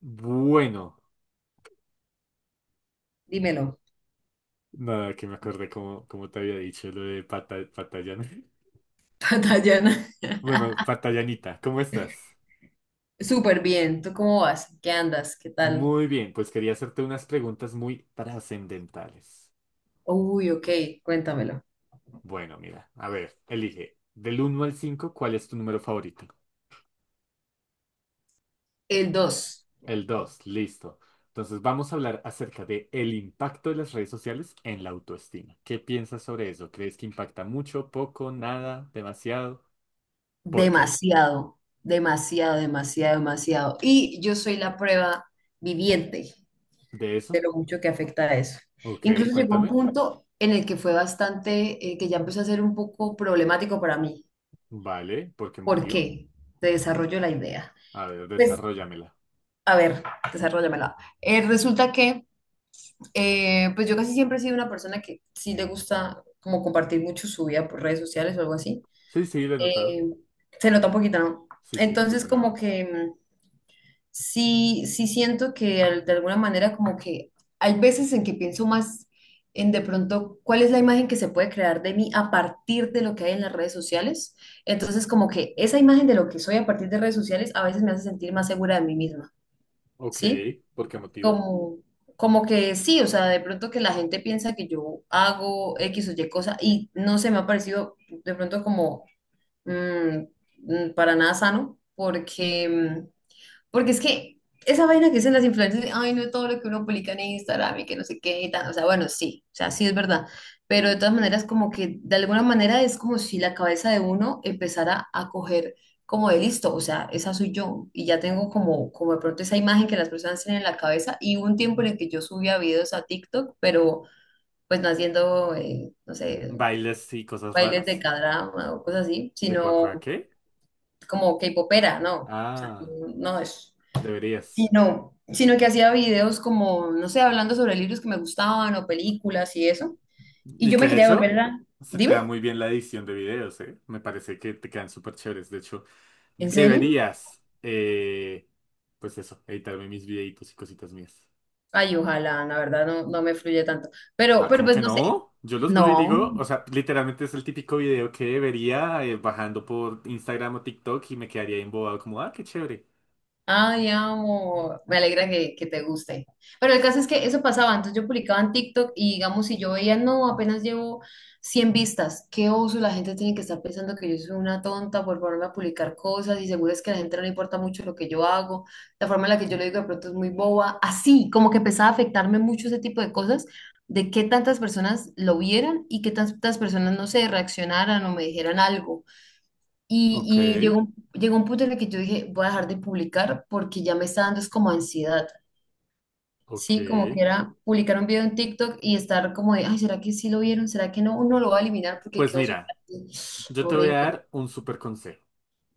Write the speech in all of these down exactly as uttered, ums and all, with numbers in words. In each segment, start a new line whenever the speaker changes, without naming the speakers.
Bueno,
Dímelo,
nada, que me acordé como, como te había dicho lo de pata, Patallán.
Tatiana.
Bueno, Patallanita, ¿cómo estás?
Súper bien, ¿tú cómo vas? ¿Qué andas? ¿Qué tal?
Muy bien, pues quería hacerte unas preguntas muy trascendentales.
Uy, ok, cuéntamelo.
Bueno, mira, a ver, elige. Del uno al cinco, ¿cuál es tu número favorito?
El dos.
El dos, listo. Entonces vamos a hablar acerca de el impacto de las redes sociales en la autoestima. ¿Qué piensas sobre eso? ¿Crees que impacta mucho, poco, nada, demasiado? ¿Por qué?
Demasiado, demasiado, demasiado, demasiado. Y yo soy la prueba viviente
¿De
de
eso?
lo mucho que afecta a eso.
Ok,
Incluso llegó un
cuéntame.
punto en el que fue bastante, eh, que ya empezó a ser un poco problemático para mí.
Vale, ¿por qué
¿Por
motivo?
qué? Te desarrollo la idea.
A ver,
Pues,
desarróllamela.
a ver, desarróllamela. Eh, resulta que Eh, pues yo casi siempre he sido una persona que sí le gusta como compartir mucho su vida por redes sociales o algo así.
Sí, sí, lo he notado.
Eh, Se nota un poquito, ¿no?
Sí, sí, un
Entonces
poco nada
como
más.
que mm, sí, sí siento que al- de alguna manera como que hay veces en que pienso más en de pronto cuál es la imagen que se puede crear de mí a partir de lo que hay en las redes sociales. Entonces como que esa imagen de lo que soy a partir de redes sociales a veces me hace sentir más segura de mí misma,
Ok,
¿sí?
¿por qué motivo?
como, como que sí, o sea, de pronto que la gente piensa que yo hago X o Y cosa y no se me ha parecido de pronto como mm, mm, para nada sano, porque mm, porque es que esa vaina que dicen las influencers, ay, no todo lo que uno publica en Instagram y que no sé qué y tal. O sea, bueno, sí, o sea, sí es verdad. Pero de
Sí.
todas maneras, como que de alguna manera es como si la cabeza de uno empezara a coger como de listo, o sea, esa soy yo. Y ya tengo como, como de pronto esa imagen que las personas tienen en la cabeza. Y hubo un tiempo en el que yo subía videos a TikTok, pero pues no haciendo, eh, no sé,
¿Bailes y cosas
bailes de
raras?
k o cosas así,
¿De
sino
cuacuá qué?
como K-popera, ¿no? O sea,
Ah,
no no es
deberías.
sino, sino que hacía videos como, no sé, hablando sobre libros que me gustaban o películas y eso. Y
Y
yo me
que de
quería
hecho,
volver a...
se te da
Dime,
muy bien la edición de videos, ¿eh? Me parece que te quedan súper chéveres. De hecho,
¿en serio?
deberías, eh, pues eso, editarme mis videitos y cositas mías.
Ay, ojalá, la verdad no, no me fluye tanto. Pero,
Ah,
pero
¿cómo
pues
que
no sé.
no? Yo los veo y digo, o
No.
sea, literalmente es el típico video que vería eh, bajando por Instagram o TikTok y me quedaría ahí embobado como, ah, qué chévere.
Ay, amo, me alegra que, que te guste. Pero el caso es que eso pasaba, entonces yo publicaba en TikTok y digamos, si yo veía, no, apenas llevo cien vistas, qué oso, la gente tiene que estar pensando que yo soy una tonta por ponerme a publicar cosas y seguro es que a la gente no le importa mucho lo que yo hago, la forma en la que yo lo digo de pronto es muy boba, así, como que empezaba a afectarme mucho ese tipo de cosas, de qué tantas personas lo vieran y qué tantas personas, no sé, reaccionaran o me dijeran algo.
Ok,
Y, y llegó, un- llegó un punto en el que yo dije, voy a dejar de publicar porque ya me está dando es como ansiedad,
ok.
¿sí? Como que era publicar un video en TikTok y estar como de, ay, ¿será que sí lo vieron? ¿Será que no? Uno lo va a eliminar porque
Pues
quedó
mira,
súper
yo te voy a
horrible.
dar un súper consejo.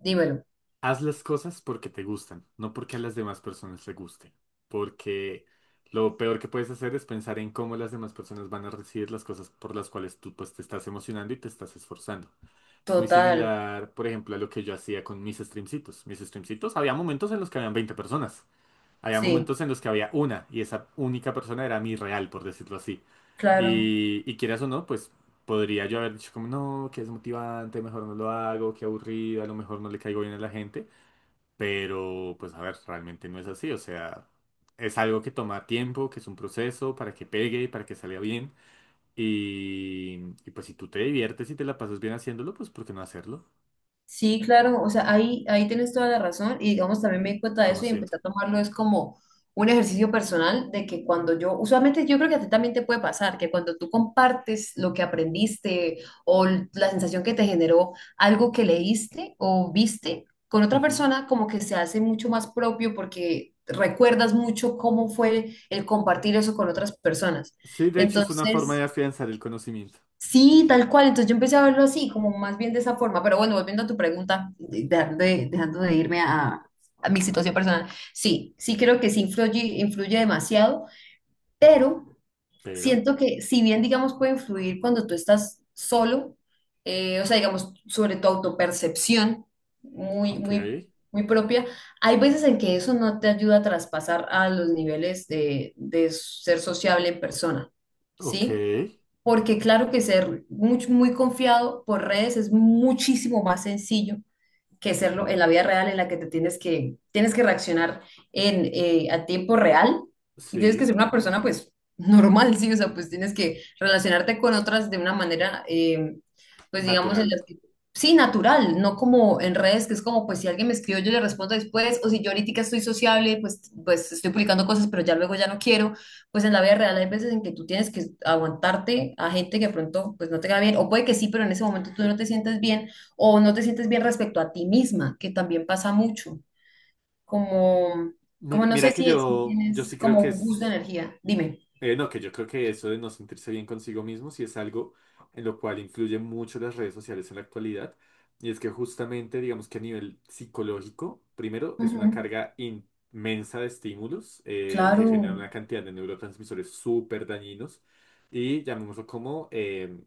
Dímelo.
Haz las cosas porque te gustan, no porque a las demás personas les guste. Porque lo peor que puedes hacer es pensar en cómo las demás personas van a recibir las cosas por las cuales tú pues te estás emocionando y te estás esforzando. Es muy
Total,
similar, por ejemplo, a lo que yo hacía con mis streamcitos. Mis streamcitos, había momentos en los que habían veinte personas. Había
sí,
momentos en los que había una y esa única persona era mi real, por decirlo así.
claro.
Y, y quieras o no, pues podría yo haber dicho como, no, que es motivante, mejor no lo hago, qué aburrido, a lo mejor no le caigo bien a la gente. Pero, pues a ver, realmente no es así. O sea, es algo que toma tiempo, que es un proceso para que pegue, para que salga bien. Y, y pues si tú te diviertes y te la pasas bien haciéndolo, pues ¿por qué no hacerlo?
Sí, claro, o sea, ahí, ahí tienes toda la razón y digamos, también me di cuenta de
Como
eso y empecé
siempre.
a tomarlo es como un ejercicio personal de que cuando yo, usualmente yo creo que a ti también te puede pasar, que cuando tú compartes lo que aprendiste o l- la sensación que te generó algo que leíste o viste con otra
Ujú.
persona, como que se hace mucho más propio porque recuerdas mucho cómo fue el compartir eso con otras personas.
Sí, de hecho es una forma de
Entonces...
afianzar el conocimiento.
Sí, tal cual. Entonces yo empecé a verlo así, como más bien de esa forma. Pero bueno, volviendo a tu pregunta, de- dejando de, dejando de irme a, a mi situación personal. Sí, sí creo que sí influye, influye demasiado, pero
Pero,
siento que si bien, digamos, puede influir cuando tú estás solo, eh, o sea, digamos, sobre tu autopercepción muy,
ok,
muy, muy propia, hay veces en que eso no te ayuda a traspasar a los niveles de, de ser sociable en persona,
ok,
¿sí? Porque claro que ser muy, muy confiado por redes es muchísimo más sencillo que serlo en la vida real en la que te tienes que, tienes que reaccionar en, eh, a tiempo real y tienes que
sí,
ser una persona pues normal, sí, o sea, pues tienes que relacionarte con otras de una manera, eh, pues digamos, en
natural.
las que, sí, natural, no como en redes, que es como pues si alguien me escribió yo le respondo después, o si yo ahorita estoy sociable, pues, pues estoy publicando cosas, pero ya luego ya no quiero, pues en la vida real hay veces en que tú tienes que aguantarte a gente que de pronto pues no te va bien, o puede que sí, pero en ese momento tú no te sientes bien o no te sientes bien respecto a ti misma, que también pasa mucho, como, como
Mira,
no sé
mira que
si, si
yo, yo
tienes
sí creo
como
que
un
es.
boost de energía, dime.
Eh, no, que yo creo que eso de no sentirse bien consigo mismo sí es algo en lo cual influyen mucho las redes sociales en la actualidad. Y es que justamente, digamos que a nivel psicológico, primero es una
Ujú.
carga inmensa de estímulos eh, que
Claro.
genera una cantidad de neurotransmisores súper dañinos y llamémoslo como em,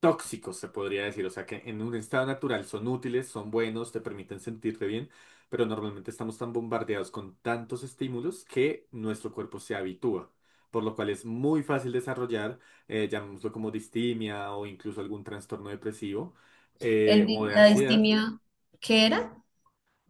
tóxicos, se podría decir. O sea que en un estado natural son útiles, son buenos, te permiten sentirte bien, pero normalmente estamos tan bombardeados con tantos estímulos que nuestro cuerpo se habitúa. Por lo cual es muy fácil desarrollar, eh, llamémoslo como distimia o incluso algún trastorno depresivo eh,
El
o
di-
de
la
ansiedad.
distimia, ¿qué era?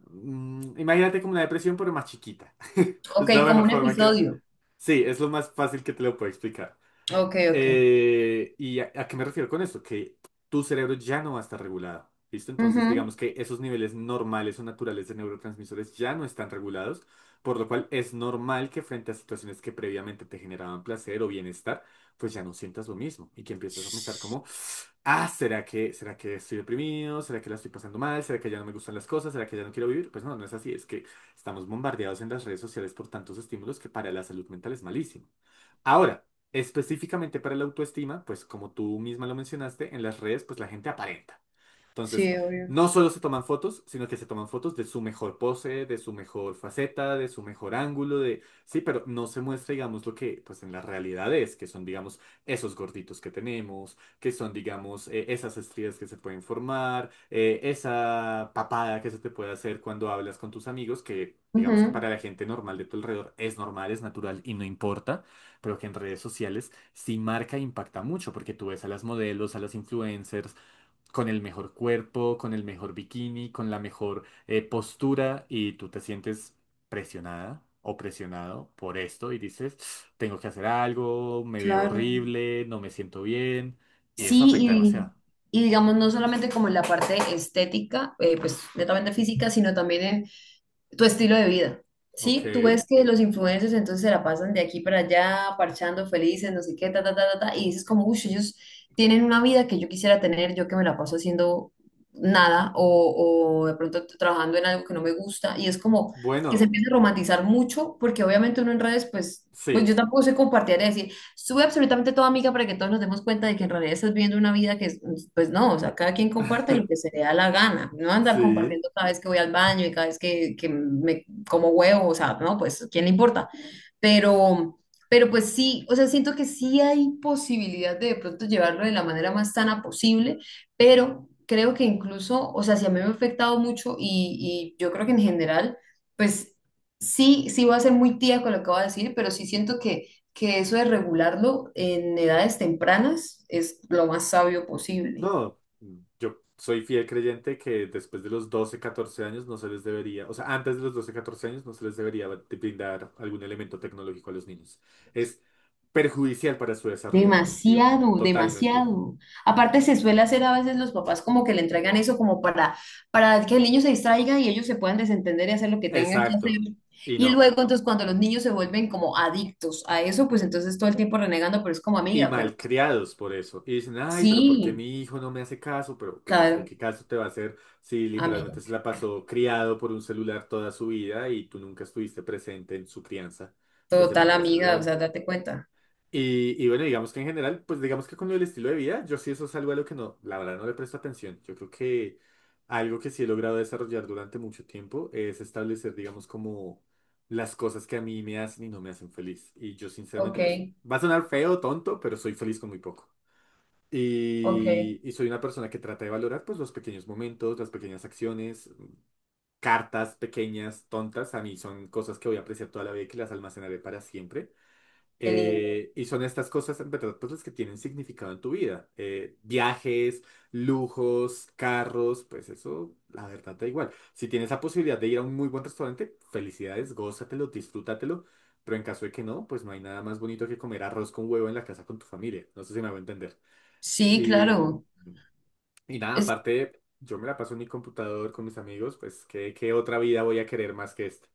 Mm, imagínate como la depresión, pero más chiquita.
Ok,
Es la
como
mejor
un
forma que...
episodio.
Sí, es lo más fácil que te lo puedo explicar.
Ok, ok.
Eh, ¿y a, a qué me refiero con esto? Que tu cerebro ya no va a estar regulado. ¿Listo? Entonces,
Ujú.
digamos que esos niveles normales o naturales de neurotransmisores ya no están regulados, por lo cual es normal que frente a situaciones que previamente te generaban placer o bienestar, pues ya no sientas lo mismo y que empieces a pensar como, ah, ¿será que, será que estoy deprimido? ¿Será que la estoy pasando mal? ¿Será que ya no me gustan las cosas? ¿Será que ya no quiero vivir? Pues no, no es así, es que estamos bombardeados en las redes sociales por tantos estímulos que para la salud mental es malísimo. Ahora, específicamente para la autoestima, pues como tú misma lo mencionaste, en las redes pues la gente aparenta. Entonces,
Sí, obvio.
no solo se toman fotos, sino que se toman fotos de su mejor pose, de su mejor faceta, de su mejor ángulo, de... Sí, pero no se muestra, digamos, lo que pues en la realidad es, que son, digamos, esos gorditos que tenemos, que son, digamos, eh, esas estrías que se pueden formar, eh, esa papada que se te puede hacer cuando hablas con tus amigos, que digamos que
Ujú.
para la gente normal de tu alrededor es normal, es natural y no importa, pero que en redes sociales sí marca e impacta mucho, porque tú ves a las modelos, a las influencers, con el mejor cuerpo, con el mejor bikini, con la mejor eh, postura y tú te sientes presionada o presionado por esto y dices, tengo que hacer algo, me veo
Claro.
horrible, no me siento bien y eso afecta
Sí,
demasiado.
y, y digamos, no solamente como en la parte estética, eh, pues netamente física, sino también en tu estilo de vida,
Ok,
¿sí? Tú ves que los influencers entonces se la pasan de aquí para allá, parchando, felices, no sé qué, ta, ta, ta, ta, ta, y dices como, uy, ellos tienen una vida que yo quisiera tener, yo que me la paso haciendo nada, o, o de pronto t- trabajando en algo que no me gusta, y es como que se
bueno,
empieza a romantizar mucho, porque obviamente uno en redes, pues, pues yo
sí,
tampoco sé compartir y decir sube absolutamente todo amiga para que todos nos demos cuenta de que en realidad estás viviendo una vida que, es, pues no, o sea, cada quien comparte lo que se le da la gana, no andar
sí.
compartiendo cada vez que voy al baño y cada vez que, que me como huevo, o sea, no, pues, ¿quién le importa? Pero, pero pues sí, o sea, siento que sí hay posibilidad de de pronto llevarlo de la manera más sana posible, pero creo que incluso, o sea, si a mí me ha afectado mucho y, y yo creo que en general, pues sí, sí voy a ser muy tía con lo que voy a decir, pero sí siento que, que eso de regularlo en edades tempranas es lo más sabio posible.
No, yo soy fiel creyente que después de los doce catorce años no se les debería, o sea, antes de los doce catorce años no se les debería de brindar algún elemento tecnológico a los niños. Es perjudicial para su desarrollo cognitivo,
Demasiado,
totalmente.
demasiado. Aparte se suele hacer a veces los papás como que le entregan eso como para, para que el niño se distraiga y ellos se puedan desentender y hacer lo que tengan que hacer.
Exacto. Y
Y
no.
luego entonces cuando los niños se vuelven como adictos a eso, pues entonces todo el tiempo renegando, pero es como
Y
amiga, pero
malcriados por eso. Y dicen, ay, pero ¿por qué
sí,
mi hijo no me hace caso? Pero pues así,
claro,
¿qué caso te va a hacer si
amiga,
literalmente se la pasó criado por un celular toda su vida y tú nunca estuviste presente en su crianza, pues de
total
manera
amiga, o
saludable?
sea, date cuenta.
Y, y bueno, digamos que en general, pues digamos que con lo del estilo de vida, yo sí eso es algo a lo que no, la verdad no le presto atención. Yo creo que algo que sí he logrado desarrollar durante mucho tiempo es establecer, digamos, como las cosas que a mí me hacen y no me hacen feliz. Y yo sinceramente,
Ok,
pues va a sonar feo, tonto, pero soy feliz con muy poco.
ok,
Y, y soy una persona que trata de valorar, pues, los pequeños momentos, las pequeñas acciones, cartas pequeñas, tontas, a mí son cosas que voy a apreciar toda la vida y que las almacenaré para siempre.
qué lindo.
Eh, y son estas cosas, en verdad, pues las que tienen significado en tu vida. Eh, viajes, lujos, carros, pues eso, la verdad, da igual. Si tienes la posibilidad de ir a un muy buen restaurante, felicidades, gózatelo, disfrútatelo. Pero en caso de que no, pues no hay nada más bonito que comer arroz con huevo en la casa con tu familia. No sé si me va a entender.
Sí,
Y,
claro.
y nada, aparte, yo me la paso en mi computador con mis amigos, pues ¿qué, qué otra vida voy a querer más que esta?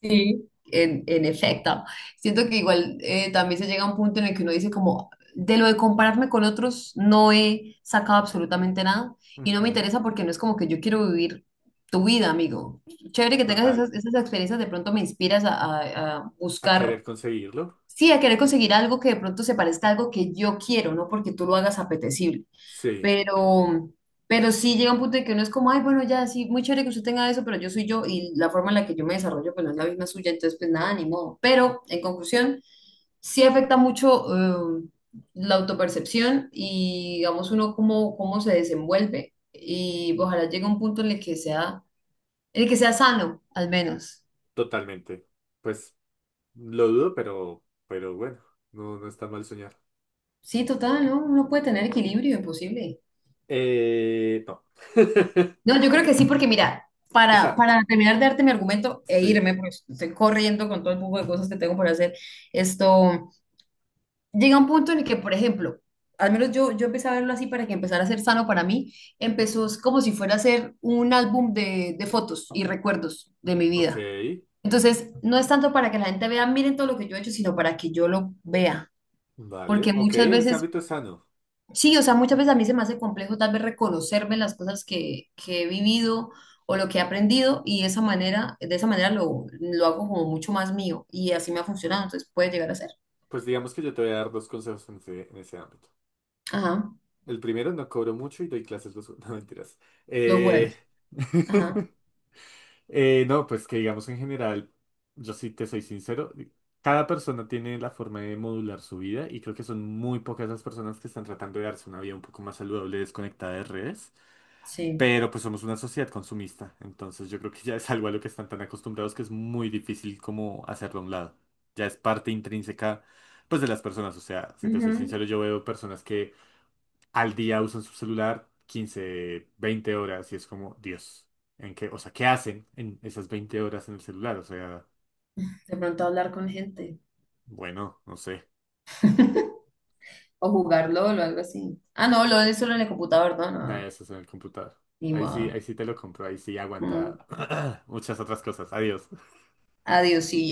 Sí, en, en efecto. Siento que igual eh, también se llega a un punto en el que uno dice como, de lo de compararme con otros, no he sacado absolutamente nada y no me
Ujú,
interesa porque no es como que yo quiero vivir tu vida, amigo. Chévere que tengas
total,
esas, esas experiencias, de pronto me inspiras a, a- a
a
buscar.
querer conseguirlo.
Sí, a querer conseguir algo que de pronto se parezca a algo que yo quiero, no porque tú lo hagas apetecible.
Sí.
Pero, pero sí llega un punto en que uno es como, ay, bueno, ya, sí, muy chévere que usted tenga eso, pero yo soy yo y la forma en la que yo me desarrollo, pues no es la misma suya, entonces, pues nada, ni modo. Pero, en conclusión, sí afecta mucho eh, la autopercepción y, digamos, uno cómo, cómo se desenvuelve. Y ojalá llegue un punto en el que sea, en el que sea sano, al menos.
Totalmente. Pues lo dudo, pero, pero bueno, no, no está mal soñar.
Sí, total, ¿no? Uno puede tener equilibrio, imposible.
Eh, no.
No, yo creo que sí, porque mira,
O sea,
para, para terminar de darte mi argumento e
sí.
irme, porque estoy corriendo con todo el poco de cosas que tengo por hacer, esto llega un punto en el que, por ejemplo, al menos yo, yo empecé a verlo así para que empezara a ser sano para mí, empezó es como si fuera a ser un álbum de, de fotos y recuerdos de mi
Ok,
vida. Entonces, no es tanto para que la gente vea, miren todo lo que yo he hecho, sino para que yo lo vea,
vale.
porque
Ok,
muchas
en ese
veces
ámbito es sano.
Sí, o sea, muchas veces a mí se me hace complejo tal vez reconocerme las cosas que, que he vivido o lo que he aprendido y esa manera, de esa manera lo, lo hago como mucho más mío y así me ha funcionado, entonces puede llegar a ser.
Pues digamos que yo te voy a dar dos consejos en ese, en ese ámbito.
Ajá,
El primero, no cobro mucho y doy clases los... No, mentiras.
los
Eh,
jueves. Ajá,
Eh, no, pues que digamos en general, yo sí te soy sincero, cada persona tiene la forma de modular su vida y creo que son muy pocas las personas que están tratando de darse una vida un poco más saludable, desconectada de redes,
sí.
pero pues somos una sociedad consumista, entonces yo creo que ya es algo a lo que están tan acostumbrados que es muy difícil como hacerlo a un lado, ya es parte intrínseca pues de las personas, o sea, si te soy
Ujú.
sincero, yo veo personas que al día usan su celular quince, veinte horas y es como, Dios, ¿en qué? O sea, ¿qué hacen en esas veinte horas en el celular? O sea,
De pronto hablar con gente
bueno, no sé,
o jugar LOL o algo así. Ah, no, LOL es solo en el computador, no, no,
para
no,
eso es en el computador.
ni
Ahí sí,
modo.
ahí sí te lo compro, ahí sí
Mm.
aguanta muchas otras cosas. Adiós.
Adiós, sí,